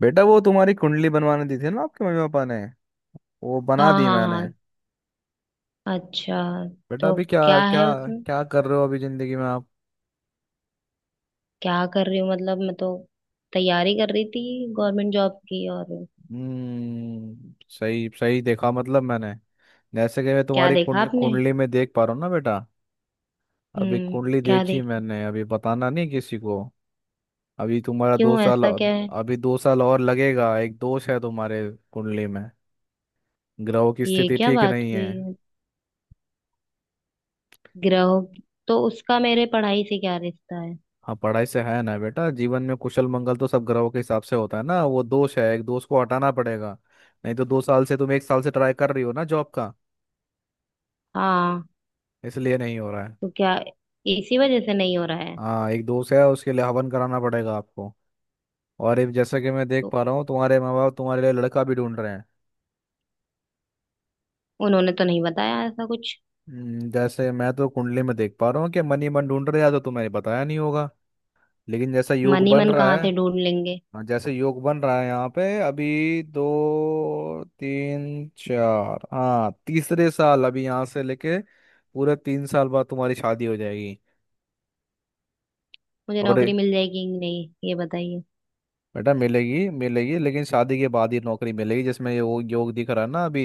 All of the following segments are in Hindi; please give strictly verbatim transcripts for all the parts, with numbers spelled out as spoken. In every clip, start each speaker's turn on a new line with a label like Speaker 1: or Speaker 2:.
Speaker 1: बेटा वो तुम्हारी कुंडली बनवाने दी थी ना आपके मम्मी पापा ने। वो बना
Speaker 2: हाँ
Speaker 1: दी
Speaker 2: हाँ
Speaker 1: मैंने।
Speaker 2: हाँ। अच्छा।
Speaker 1: बेटा
Speaker 2: तो
Speaker 1: अभी क्या
Speaker 2: क्या
Speaker 1: क्या
Speaker 2: है उसमें?
Speaker 1: क्या कर रहे हो अभी जिंदगी में आप।
Speaker 2: क्या कर रही हूँ मतलब मैं तो तैयारी कर रही थी गवर्नमेंट जॉब की। और
Speaker 1: हम्म सही सही देखा मतलब मैंने। जैसे कि मैं
Speaker 2: क्या
Speaker 1: तुम्हारी
Speaker 2: देखा
Speaker 1: कुंडली
Speaker 2: आपने?
Speaker 1: कुंडली में देख पा रहा हूँ ना बेटा। अभी
Speaker 2: हम्म।
Speaker 1: कुंडली
Speaker 2: क्या
Speaker 1: देखी
Speaker 2: देखा?
Speaker 1: मैंने। अभी बताना नहीं किसी को। अभी तुम्हारा दो
Speaker 2: क्यों,
Speaker 1: साल
Speaker 2: ऐसा क्या है?
Speaker 1: अभी दो साल और लगेगा। एक दोष है तुम्हारे कुंडली में। ग्रहों की
Speaker 2: ये
Speaker 1: स्थिति
Speaker 2: क्या
Speaker 1: ठीक
Speaker 2: बात
Speaker 1: नहीं है।
Speaker 2: हुई? ग्रहों की- तो उसका मेरे पढ़ाई से क्या रिश्ता है?
Speaker 1: हाँ पढ़ाई से है ना बेटा। जीवन में कुशल मंगल तो सब ग्रहों के हिसाब से होता है ना। वो दोष है, एक दोष को हटाना पड़ेगा। नहीं तो दो साल से तुम एक साल से ट्राई कर रही हो ना जॉब का,
Speaker 2: हाँ।
Speaker 1: इसलिए नहीं हो रहा है।
Speaker 2: तो क्या इसी वजह से नहीं हो रहा है?
Speaker 1: हाँ एक दोष है, उसके लिए हवन कराना पड़ेगा आपको। और एक जैसा कि मैं देख
Speaker 2: तो
Speaker 1: पा रहा हूँ तुम्हारे माँ बाप तुम्हारे लिए लड़का भी ढूंढ रहे हैं।
Speaker 2: उन्होंने तो नहीं बताया ऐसा कुछ।
Speaker 1: हम्म, जैसे मैं तो कुंडली में देख पा रहा हूँ कि मन ही मन ढूंढ रहे हैं, या तो तुम्हें बताया नहीं होगा, लेकिन जैसा योग
Speaker 2: मन ही
Speaker 1: बन
Speaker 2: मन
Speaker 1: रहा
Speaker 2: कहाँ
Speaker 1: है।
Speaker 2: से ढूंढ लेंगे?
Speaker 1: हाँ जैसे योग बन रहा है यहाँ पे अभी दो तीन चार। हाँ तीसरे साल अभी यहाँ से लेके पूरे तीन साल बाद तुम्हारी शादी हो जाएगी।
Speaker 2: मुझे नौकरी
Speaker 1: और
Speaker 2: मिल जाएगी कि नहीं ये बताइए।
Speaker 1: बेटा मिलेगी, मिलेगी लेकिन शादी के बाद ही नौकरी मिलेगी जिसमें ये वो योग दिख रहा है ना अभी।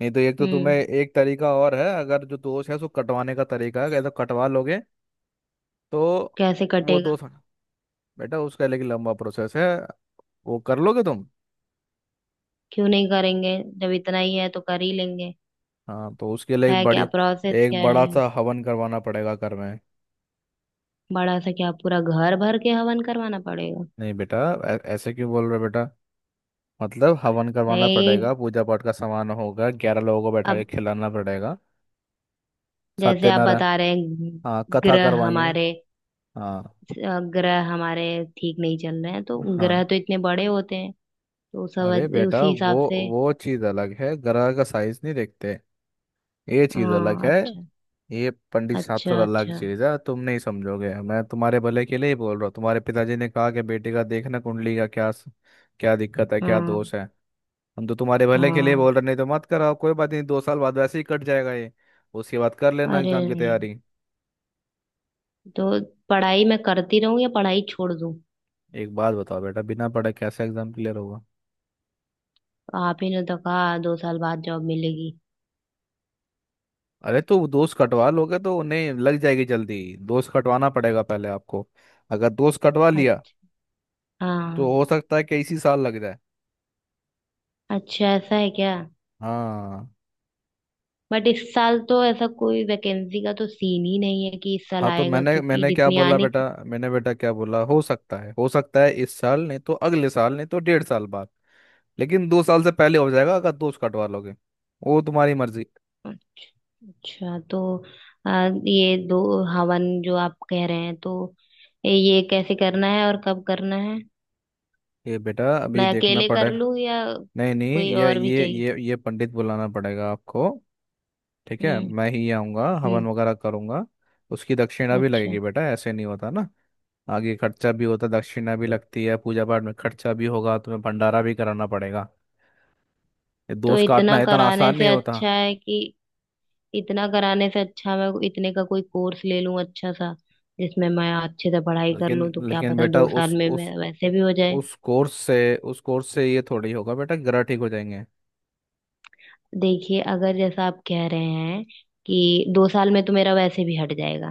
Speaker 1: नहीं तो एक तो तुम्हें
Speaker 2: हम्म।
Speaker 1: एक तरीका और है। अगर जो दोष है उसको कटवाने का तरीका है। अगर कटवा लोगे तो
Speaker 2: कैसे
Speaker 1: वो
Speaker 2: कटेगा?
Speaker 1: दोष, बेटा उसका लेकिन लंबा प्रोसेस है। वो कर लोगे तुम?
Speaker 2: क्यों नहीं करेंगे, जब इतना ही है तो कर ही लेंगे।
Speaker 1: हाँ तो उसके लिए एक
Speaker 2: है क्या,
Speaker 1: बड़ी
Speaker 2: प्रोसेस
Speaker 1: एक
Speaker 2: क्या
Speaker 1: बड़ा
Speaker 2: है?
Speaker 1: सा हवन करवाना पड़ेगा घर में।
Speaker 2: बड़ा सा क्या, पूरा घर भर के हवन करवाना पड़ेगा?
Speaker 1: नहीं बेटा। ऐ- ऐसे क्यों बोल रहे हो बेटा? मतलब हवन करवाना
Speaker 2: नहीं।
Speaker 1: पड़ेगा, पूजा पाठ का सामान होगा, ग्यारह लोगों को बैठा के
Speaker 2: अब
Speaker 1: खिलाना पड़ेगा।
Speaker 2: जैसे आप
Speaker 1: सत्यनारायण
Speaker 2: बता रहे हैं,
Speaker 1: हाँ कथा
Speaker 2: ग्रह
Speaker 1: करवाएंगे।
Speaker 2: हमारे,
Speaker 1: हाँ
Speaker 2: अ, ग्रह हमारे ठीक नहीं चल रहे हैं तो
Speaker 1: हाँ
Speaker 2: ग्रह तो इतने बड़े होते हैं, तो
Speaker 1: अरे
Speaker 2: सब
Speaker 1: बेटा
Speaker 2: उसी
Speaker 1: वो
Speaker 2: हिसाब से।
Speaker 1: वो चीज़ अलग है, ग्रह का साइज नहीं देखते। ये चीज़ अलग
Speaker 2: हाँ
Speaker 1: है।
Speaker 2: अच्छा।
Speaker 1: ये पंडित शास्त्र
Speaker 2: अच्छा
Speaker 1: अलग
Speaker 2: अच्छा।
Speaker 1: चीज़ है, तुम नहीं समझोगे। मैं तुम्हारे भले के लिए ही बोल रहा हूँ। तुम्हारे पिताजी ने कहा कि बेटे का देखना कुंडली का, क्या क्या दिक्कत है, क्या
Speaker 2: हाँ।
Speaker 1: दोष है। हम तो तुम्हारे भले के लिए
Speaker 2: हाँ
Speaker 1: बोल रहे। नहीं तो मत कराओ, कोई बात नहीं। दो साल बाद वैसे ही कट जाएगा ये। उसके बाद कर लेना
Speaker 2: अरे
Speaker 1: एग्जाम की
Speaker 2: नहीं।
Speaker 1: तैयारी।
Speaker 2: तो पढ़ाई मैं करती रहूं या पढ़ाई छोड़ दूं?
Speaker 1: एक बात बताओ बेटा, बिना पढ़े कैसे एग्जाम क्लियर होगा?
Speaker 2: आप ही ने तो कहा दो साल बाद जॉब मिलेगी।
Speaker 1: अरे तो दोस्त कटवा लोगे तो उन्हें लग जाएगी जल्दी। दोस्त कटवाना पड़ेगा पहले आपको। अगर दोस्त कटवा लिया
Speaker 2: अच्छा।
Speaker 1: तो
Speaker 2: हाँ।
Speaker 1: हो सकता है कि इसी साल लग जाए।
Speaker 2: अच्छा ऐसा है क्या?
Speaker 1: हाँ
Speaker 2: बट इस साल तो ऐसा कोई वैकेंसी का तो सीन ही नहीं है कि इस साल
Speaker 1: हाँ तो
Speaker 2: आएगा,
Speaker 1: मैंने
Speaker 2: क्योंकि
Speaker 1: मैंने क्या
Speaker 2: जितनी
Speaker 1: बोला
Speaker 2: आनी
Speaker 1: बेटा,
Speaker 2: थी।
Speaker 1: मैंने बेटा क्या बोला। हो सकता है हो सकता है इस साल नहीं तो अगले साल नहीं तो डेढ़ साल बाद। लेकिन दो साल से पहले हो जाएगा अगर दोस्त कटवा लोगे। वो तुम्हारी मर्जी।
Speaker 2: अच्छा अच्छा, तो आ, ये दो, हवन जो आप कह रहे हैं तो ये कैसे करना है और कब करना है?
Speaker 1: ये बेटा अभी
Speaker 2: मैं
Speaker 1: देखना
Speaker 2: अकेले कर
Speaker 1: पड़ेगा।
Speaker 2: लूं या
Speaker 1: नहीं नहीं
Speaker 2: कोई
Speaker 1: ये
Speaker 2: और भी
Speaker 1: ये
Speaker 2: चाहिए?
Speaker 1: ये ये पंडित बुलाना पड़ेगा आपको। ठीक है
Speaker 2: हम्म।
Speaker 1: मैं ही आऊँगा
Speaker 2: हम्म।
Speaker 1: हवन वगैरह करूँगा। उसकी दक्षिणा भी
Speaker 2: अच्छा।
Speaker 1: लगेगी बेटा, ऐसे नहीं होता ना। आगे खर्चा भी होता, दक्षिणा भी लगती है, पूजा पाठ में खर्चा भी होगा, तुम्हें भंडारा भी कराना पड़ेगा। ये
Speaker 2: तो
Speaker 1: दोस्त
Speaker 2: इतना
Speaker 1: काटना इतना
Speaker 2: कराने
Speaker 1: आसान
Speaker 2: से
Speaker 1: नहीं होता।
Speaker 2: अच्छा है कि, इतना कराने से अच्छा मैं इतने का कोई कोर्स ले लूं अच्छा सा, जिसमें मैं अच्छे से पढ़ाई कर
Speaker 1: लेकिन
Speaker 2: लूं तो क्या
Speaker 1: लेकिन
Speaker 2: पता
Speaker 1: बेटा
Speaker 2: दो
Speaker 1: उस
Speaker 2: साल में
Speaker 1: उस
Speaker 2: मैं वैसे भी हो जाए।
Speaker 1: उस कोर्स से उस कोर्स से ये थोड़ी होगा बेटा ग्रह ठीक हो जाएंगे।
Speaker 2: देखिए, अगर जैसा आप कह रहे हैं कि दो साल में तो मेरा वैसे भी हट जाएगा,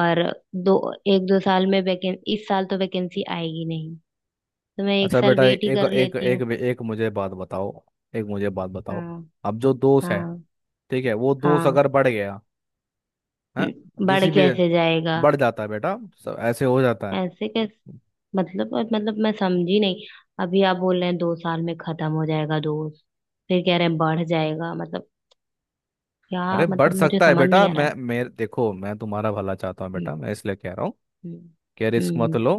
Speaker 2: और दो, एक दो साल में वैकें इस साल तो वैकेंसी आएगी नहीं, तो मैं एक
Speaker 1: अच्छा
Speaker 2: साल
Speaker 1: बेटा एक
Speaker 2: वेट ही
Speaker 1: एक
Speaker 2: कर
Speaker 1: एक
Speaker 2: लेती हूँ।
Speaker 1: एक, एक मुझे बात बताओ एक मुझे बात बताओ।
Speaker 2: हाँ।
Speaker 1: अब जो दोष है,
Speaker 2: हाँ।
Speaker 1: ठीक है, वो दोष
Speaker 2: हाँ।
Speaker 1: अगर बढ़ गया है।
Speaker 2: हम्म, बढ़
Speaker 1: जिसी भी
Speaker 2: कैसे जाएगा?
Speaker 1: बढ़ जाता है बेटा। सब ऐसे हो जाता है।
Speaker 2: ऐसे कैसे? मतलब, और मतलब मैं समझी नहीं। अभी आप बोल रहे हैं दो साल में खत्म हो जाएगा दोस्त, फिर कह रहे हैं बढ़ जाएगा, मतलब क्या
Speaker 1: अरे बढ़
Speaker 2: मतलब मुझे
Speaker 1: सकता है
Speaker 2: समझ
Speaker 1: बेटा।
Speaker 2: नहीं आ रहा
Speaker 1: मैं
Speaker 2: है।
Speaker 1: मेरे देखो मैं तुम्हारा भला चाहता हूँ
Speaker 2: हम्म।
Speaker 1: बेटा, मैं इसलिए कह रहा हूँ कि रिस्क मत
Speaker 2: हम्म।
Speaker 1: लो।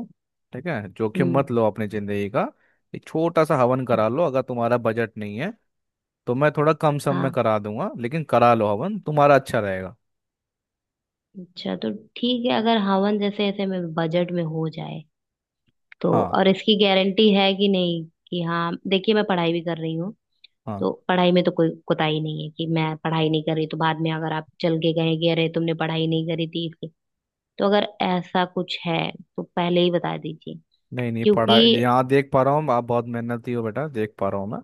Speaker 1: ठीक है जोखिम
Speaker 2: हम्म।
Speaker 1: मत लो अपनी जिंदगी का। एक छोटा सा हवन
Speaker 2: हम्म,
Speaker 1: करा लो। अगर तुम्हारा बजट नहीं है तो मैं थोड़ा कम सम में
Speaker 2: हाँ।
Speaker 1: करा दूंगा, लेकिन करा लो हवन, तुम्हारा अच्छा रहेगा।
Speaker 2: अच्छा तो ठीक है, अगर हवन जैसे ऐसे में बजट में हो जाए तो,
Speaker 1: हाँ
Speaker 2: और इसकी गारंटी है कि नहीं कि, हाँ देखिए, मैं पढ़ाई भी कर रही हूँ
Speaker 1: हाँ
Speaker 2: तो पढ़ाई में तो कोई कोताही नहीं है, कि मैं पढ़ाई नहीं कर रही तो बाद में अगर आप चल के कहेंगे अरे तुमने पढ़ाई नहीं करी थी। तो अगर ऐसा कुछ है तो पहले ही बता दीजिए,
Speaker 1: नहीं नहीं
Speaker 2: क्योंकि,
Speaker 1: पढ़ा। यहाँ देख पा रहा हूँ आप बहुत मेहनती हो बेटा, देख पा रहा हूँ मैं,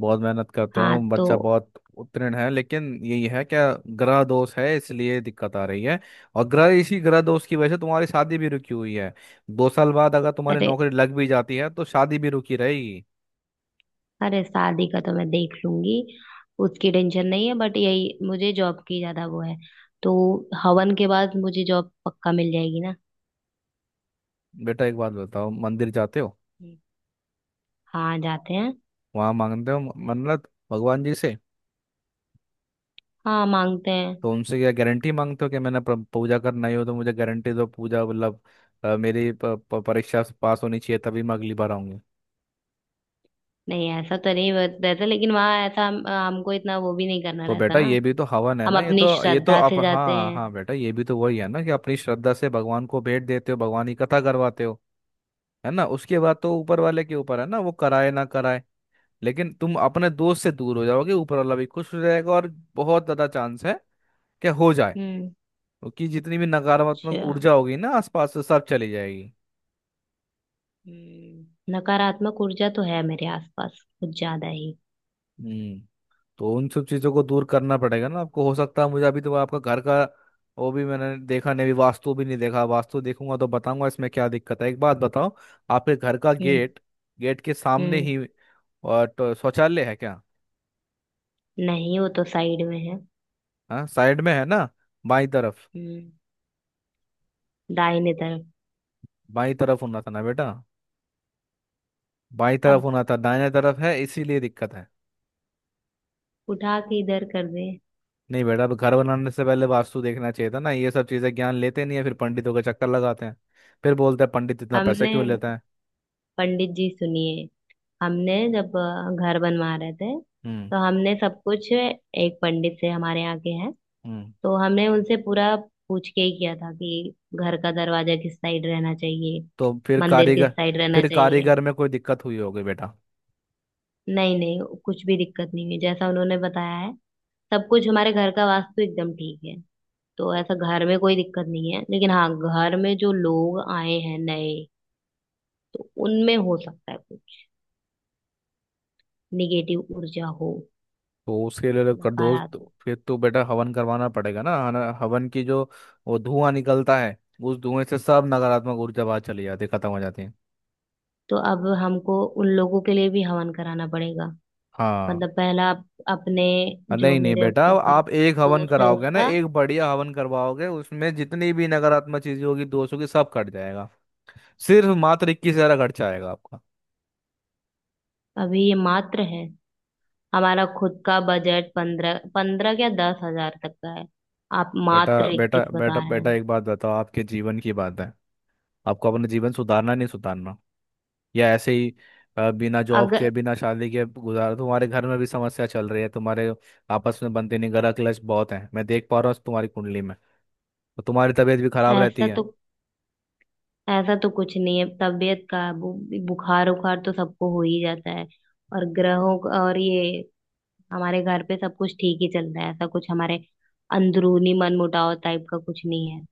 Speaker 1: बहुत मेहनत करते
Speaker 2: हाँ।
Speaker 1: हो बच्चा,
Speaker 2: तो
Speaker 1: बहुत उत्तीर्ण है, लेकिन यही है क्या, ग्रह दोष है इसलिए दिक्कत आ रही है। और ग्रह, इसी ग्रह दोष की वजह से तुम्हारी शादी भी रुकी हुई है। दो साल बाद अगर तुम्हारी
Speaker 2: अरे,
Speaker 1: नौकरी लग भी जाती है तो शादी भी रुकी रहेगी।
Speaker 2: अरे शादी का तो मैं देख लूंगी, उसकी टेंशन नहीं है, बट यही मुझे जॉब की ज्यादा वो है। तो हवन के बाद मुझे जॉब पक्का मिल जाएगी ना?
Speaker 1: बेटा एक बात बताओ, मंदिर जाते हो?
Speaker 2: हम्म। हाँ जाते हैं।
Speaker 1: वहां मांगते हो मन्नत भगवान जी से?
Speaker 2: हाँ मांगते हैं।
Speaker 1: तो उनसे क्या गारंटी मांगते हो कि मैंने प्र- पूजा करना ही हो तो मुझे गारंटी दो, पूजा मतलब अ, मेरी प- प- परीक्षा पास होनी चाहिए तभी मैं अगली बार आऊंगी।
Speaker 2: नहीं ऐसा तो नहीं बत- रहता, लेकिन वहां ऐसा हम, हमको इतना वो भी नहीं करना
Speaker 1: तो
Speaker 2: रहता
Speaker 1: बेटा
Speaker 2: ना।
Speaker 1: ये भी तो हवन है
Speaker 2: हम
Speaker 1: ना। ये
Speaker 2: अपनी
Speaker 1: तो ये तो
Speaker 2: श्रद्धा
Speaker 1: आप,
Speaker 2: से जाते
Speaker 1: हाँ
Speaker 2: हैं।
Speaker 1: हाँ बेटा ये भी तो वही है ना कि अपनी श्रद्धा से भगवान को भेंट देते हो, भगवान की कथा करवाते हो। है ना, उसके बाद तो ऊपर वाले के ऊपर है ना, वो कराए ना कराए। लेकिन तुम अपने दोस्त से दूर हो जाओगे, ऊपर वाला भी खुश हो जाएगा, और बहुत ज्यादा चांस है कि हो जाए,
Speaker 2: हम्म।
Speaker 1: क्योंकि जितनी भी नकारात्मक
Speaker 2: अच्छा।
Speaker 1: ऊर्जा होगी ना आसपास से सब चली जाएगी।
Speaker 2: हम्म। नकारात्मक ऊर्जा तो है मेरे आसपास कुछ ज्यादा ही।
Speaker 1: हम्म तो उन सब चीज़ों को दूर करना पड़ेगा ना आपको। हो सकता है, मुझे अभी तो आपका घर का वो भी मैंने देखा नहीं, अभी वास्तु भी नहीं देखा, वास्तु देखूंगा तो बताऊंगा इसमें क्या दिक्कत है। एक बात बताओ, आपके घर का
Speaker 2: हम्म।
Speaker 1: गेट, गेट के सामने
Speaker 2: हम्म।
Speaker 1: ही और तो शौचालय है क्या?
Speaker 2: नहीं, वो तो साइड में है।
Speaker 1: हाँ साइड में है ना, बाई तरफ।
Speaker 2: हम्म। दाहिने तरफ।
Speaker 1: बाई तरफ होना था ना बेटा, बाई तरफ
Speaker 2: अब
Speaker 1: होना था, दाहिने तरफ है इसीलिए दिक्कत है।
Speaker 2: उठा के इधर कर दे?
Speaker 1: नहीं बेटा, अब घर बनाने से पहले वास्तु देखना चाहिए था ना। ये सब चीजें ज्ञान लेते नहीं है, फिर पंडितों के चक्कर लगाते हैं, फिर बोलते हैं पंडित इतना पैसा क्यों
Speaker 2: हमने,
Speaker 1: लेता है।
Speaker 2: पंडित जी सुनिए, हमने जब अ, घर बनवा रहे थे
Speaker 1: हम्म।
Speaker 2: तो हमने सब कुछ एक पंडित से, हमारे यहाँ के हैं,
Speaker 1: हम्म।
Speaker 2: तो हमने उनसे पूरा पूछ के ही किया था कि घर का दरवाजा किस साइड रहना चाहिए,
Speaker 1: तो फिर
Speaker 2: मंदिर
Speaker 1: कारीगर
Speaker 2: किस साइड रहना
Speaker 1: फिर
Speaker 2: चाहिए।
Speaker 1: कारीगर में कोई दिक्कत हुई होगी बेटा।
Speaker 2: नहीं नहीं कुछ भी दिक्कत नहीं है, जैसा उन्होंने बताया है सब कुछ हमारे घर का वास्तु एकदम ठीक है। तो ऐसा घर में कोई दिक्कत नहीं है, लेकिन हाँ घर में जो लोग आए हैं नए तो उनमें हो सकता है कुछ निगेटिव ऊर्जा हो,
Speaker 1: तो उसके लिए कर दो,
Speaker 2: नकारात्मक।
Speaker 1: तो फिर तो बेटा हवन करवाना पड़ेगा ना। हना- हवन की जो वो धुआं निकलता है, उस धुएं से सब नकारात्मक ऊर्जा बाहर चली जाती है, खत्म हो जाती है।
Speaker 2: तो अब हमको उन लोगों के लिए भी हवन कराना पड़ेगा?
Speaker 1: हाँ
Speaker 2: मतलब पहला अप- अपने
Speaker 1: अ,
Speaker 2: जो
Speaker 1: नहीं नहीं
Speaker 2: मेरे
Speaker 1: बेटा,
Speaker 2: ऊपर
Speaker 1: आप एक हवन
Speaker 2: दोस्त है
Speaker 1: कराओगे ना,
Speaker 2: उसका।
Speaker 1: एक बढ़िया हवन करवाओगे, उसमें जितनी भी नकारात्मक चीजें होगी, दोष होगी, सब कट जाएगा। सिर्फ मात्र इक्कीस हजार खर्चा आएगा आपका।
Speaker 2: अभी ये मात्र है? हमारा खुद का बजट पंद्रह पंद्रह क्या दस हजार तक का है, आप
Speaker 1: बेटा
Speaker 2: मात्र
Speaker 1: बेटा
Speaker 2: इक्कीस
Speaker 1: बेटा
Speaker 2: बता रहे हैं।
Speaker 1: बेटा एक बात बताओ, आपके जीवन की बात है। आपको अपना जीवन सुधारना है, नहीं सुधारना, या ऐसे ही अ, बिना जॉब के
Speaker 2: अगर,
Speaker 1: बिना शादी के गुजारा। तुम्हारे घर में भी समस्या चल रही है, तुम्हारे आपस में बनते नहीं, ग्रह क्लेश बहुत है, मैं देख पा रहा हूँ तुम्हारी कुंडली में। तो तुम्हारी तबीयत भी खराब रहती
Speaker 2: ऐसा
Speaker 1: है।
Speaker 2: तो, ऐसा तो कुछ नहीं है तबीयत का। बु, बुखार उखार तो सबको हो ही जाता है। और ग्रहों का- और ये हमारे घर पे सब कुछ ठीक ही चलता है, ऐसा कुछ हमारे अंदरूनी मनमुटाव टाइप का कुछ नहीं है।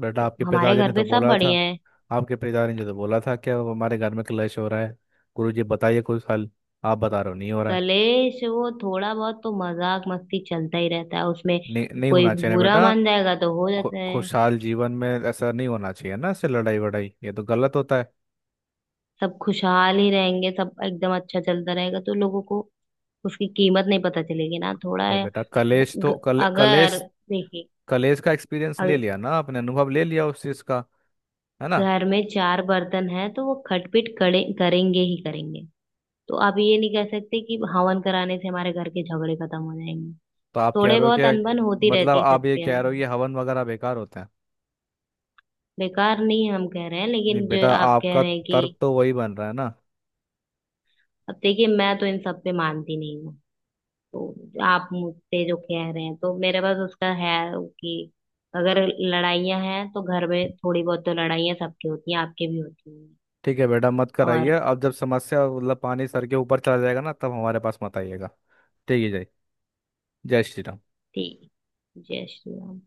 Speaker 1: बेटा आपके
Speaker 2: हमारे
Speaker 1: पिताजी
Speaker 2: घर
Speaker 1: ने
Speaker 2: पे
Speaker 1: तो
Speaker 2: सब
Speaker 1: बोला था,
Speaker 2: बढ़िया है।
Speaker 1: आपके पिताजी ने तो बोला था कि हमारे घर में क्लेश हो रहा है, गुरु जी बताइए कोई हल। आप बता रहे हो नहीं हो रहा है।
Speaker 2: कलेश वो थोड़ा बहुत तो मजाक मस्ती चलता ही रहता है उसमें,
Speaker 1: नहीं नहीं
Speaker 2: कोई
Speaker 1: होना चाहिए ना
Speaker 2: बुरा
Speaker 1: बेटा।
Speaker 2: मान जाएगा तो हो
Speaker 1: खु,
Speaker 2: जाता है।
Speaker 1: खुशहाल जीवन में ऐसा नहीं होना चाहिए ना, ऐसे लड़ाई वड़ाई ये तो गलत होता है।
Speaker 2: सब खुशहाल ही रहेंगे, सब एकदम अच्छा चलता रहेगा तो लोगों को उसकी कीमत नहीं पता चलेगी ना, थोड़ा
Speaker 1: अरे
Speaker 2: है।
Speaker 1: बेटा कलेश
Speaker 2: ग-
Speaker 1: तो, कल,
Speaker 2: अगर,
Speaker 1: कलेश
Speaker 2: देखिए
Speaker 1: कॉलेज का एक्सपीरियंस ले लिया ना आपने, अनुभव ले लिया उस चीज का, है ना?
Speaker 2: घर में चार बर्तन है तो वो खटपिट करे करेंगे ही करेंगे। तो आप ये नहीं कह सकते कि हवन कराने से हमारे घर के झगड़े खत्म हो जाएंगे।
Speaker 1: तो आप कह
Speaker 2: थोड़े
Speaker 1: रहे हो
Speaker 2: बहुत
Speaker 1: कि,
Speaker 2: अनबन होती
Speaker 1: मतलब
Speaker 2: रहती है
Speaker 1: आप ये
Speaker 2: सबके।
Speaker 1: कह रहे हो ये हवन वगैरह बेकार होता है?
Speaker 2: बेकार नहीं हम कह रहे हैं,
Speaker 1: नहीं
Speaker 2: लेकिन जो
Speaker 1: बेटा
Speaker 2: आप कह
Speaker 1: आपका
Speaker 2: रहे हैं कि,
Speaker 1: तर्क तो वही बन रहा है ना।
Speaker 2: अब देखिए मैं तो इन सब पे मानती नहीं हूँ, तो आप मुझसे जो कह रहे हैं तो मेरे पास उसका है, कि अगर लड़ाइयाँ हैं तो घर में, थोड़ी बहुत तो लड़ाइयाँ सबकी होती हैं, आपके भी होती हैं।
Speaker 1: ठीक है बेटा मत कराइए,
Speaker 2: और
Speaker 1: अब जब समस्या, मतलब पानी सर के ऊपर चला जाएगा ना, तब हमारे पास मत आइएगा। ठीक है। जय, जय श्री राम।
Speaker 2: ठीक। जय श्री राम।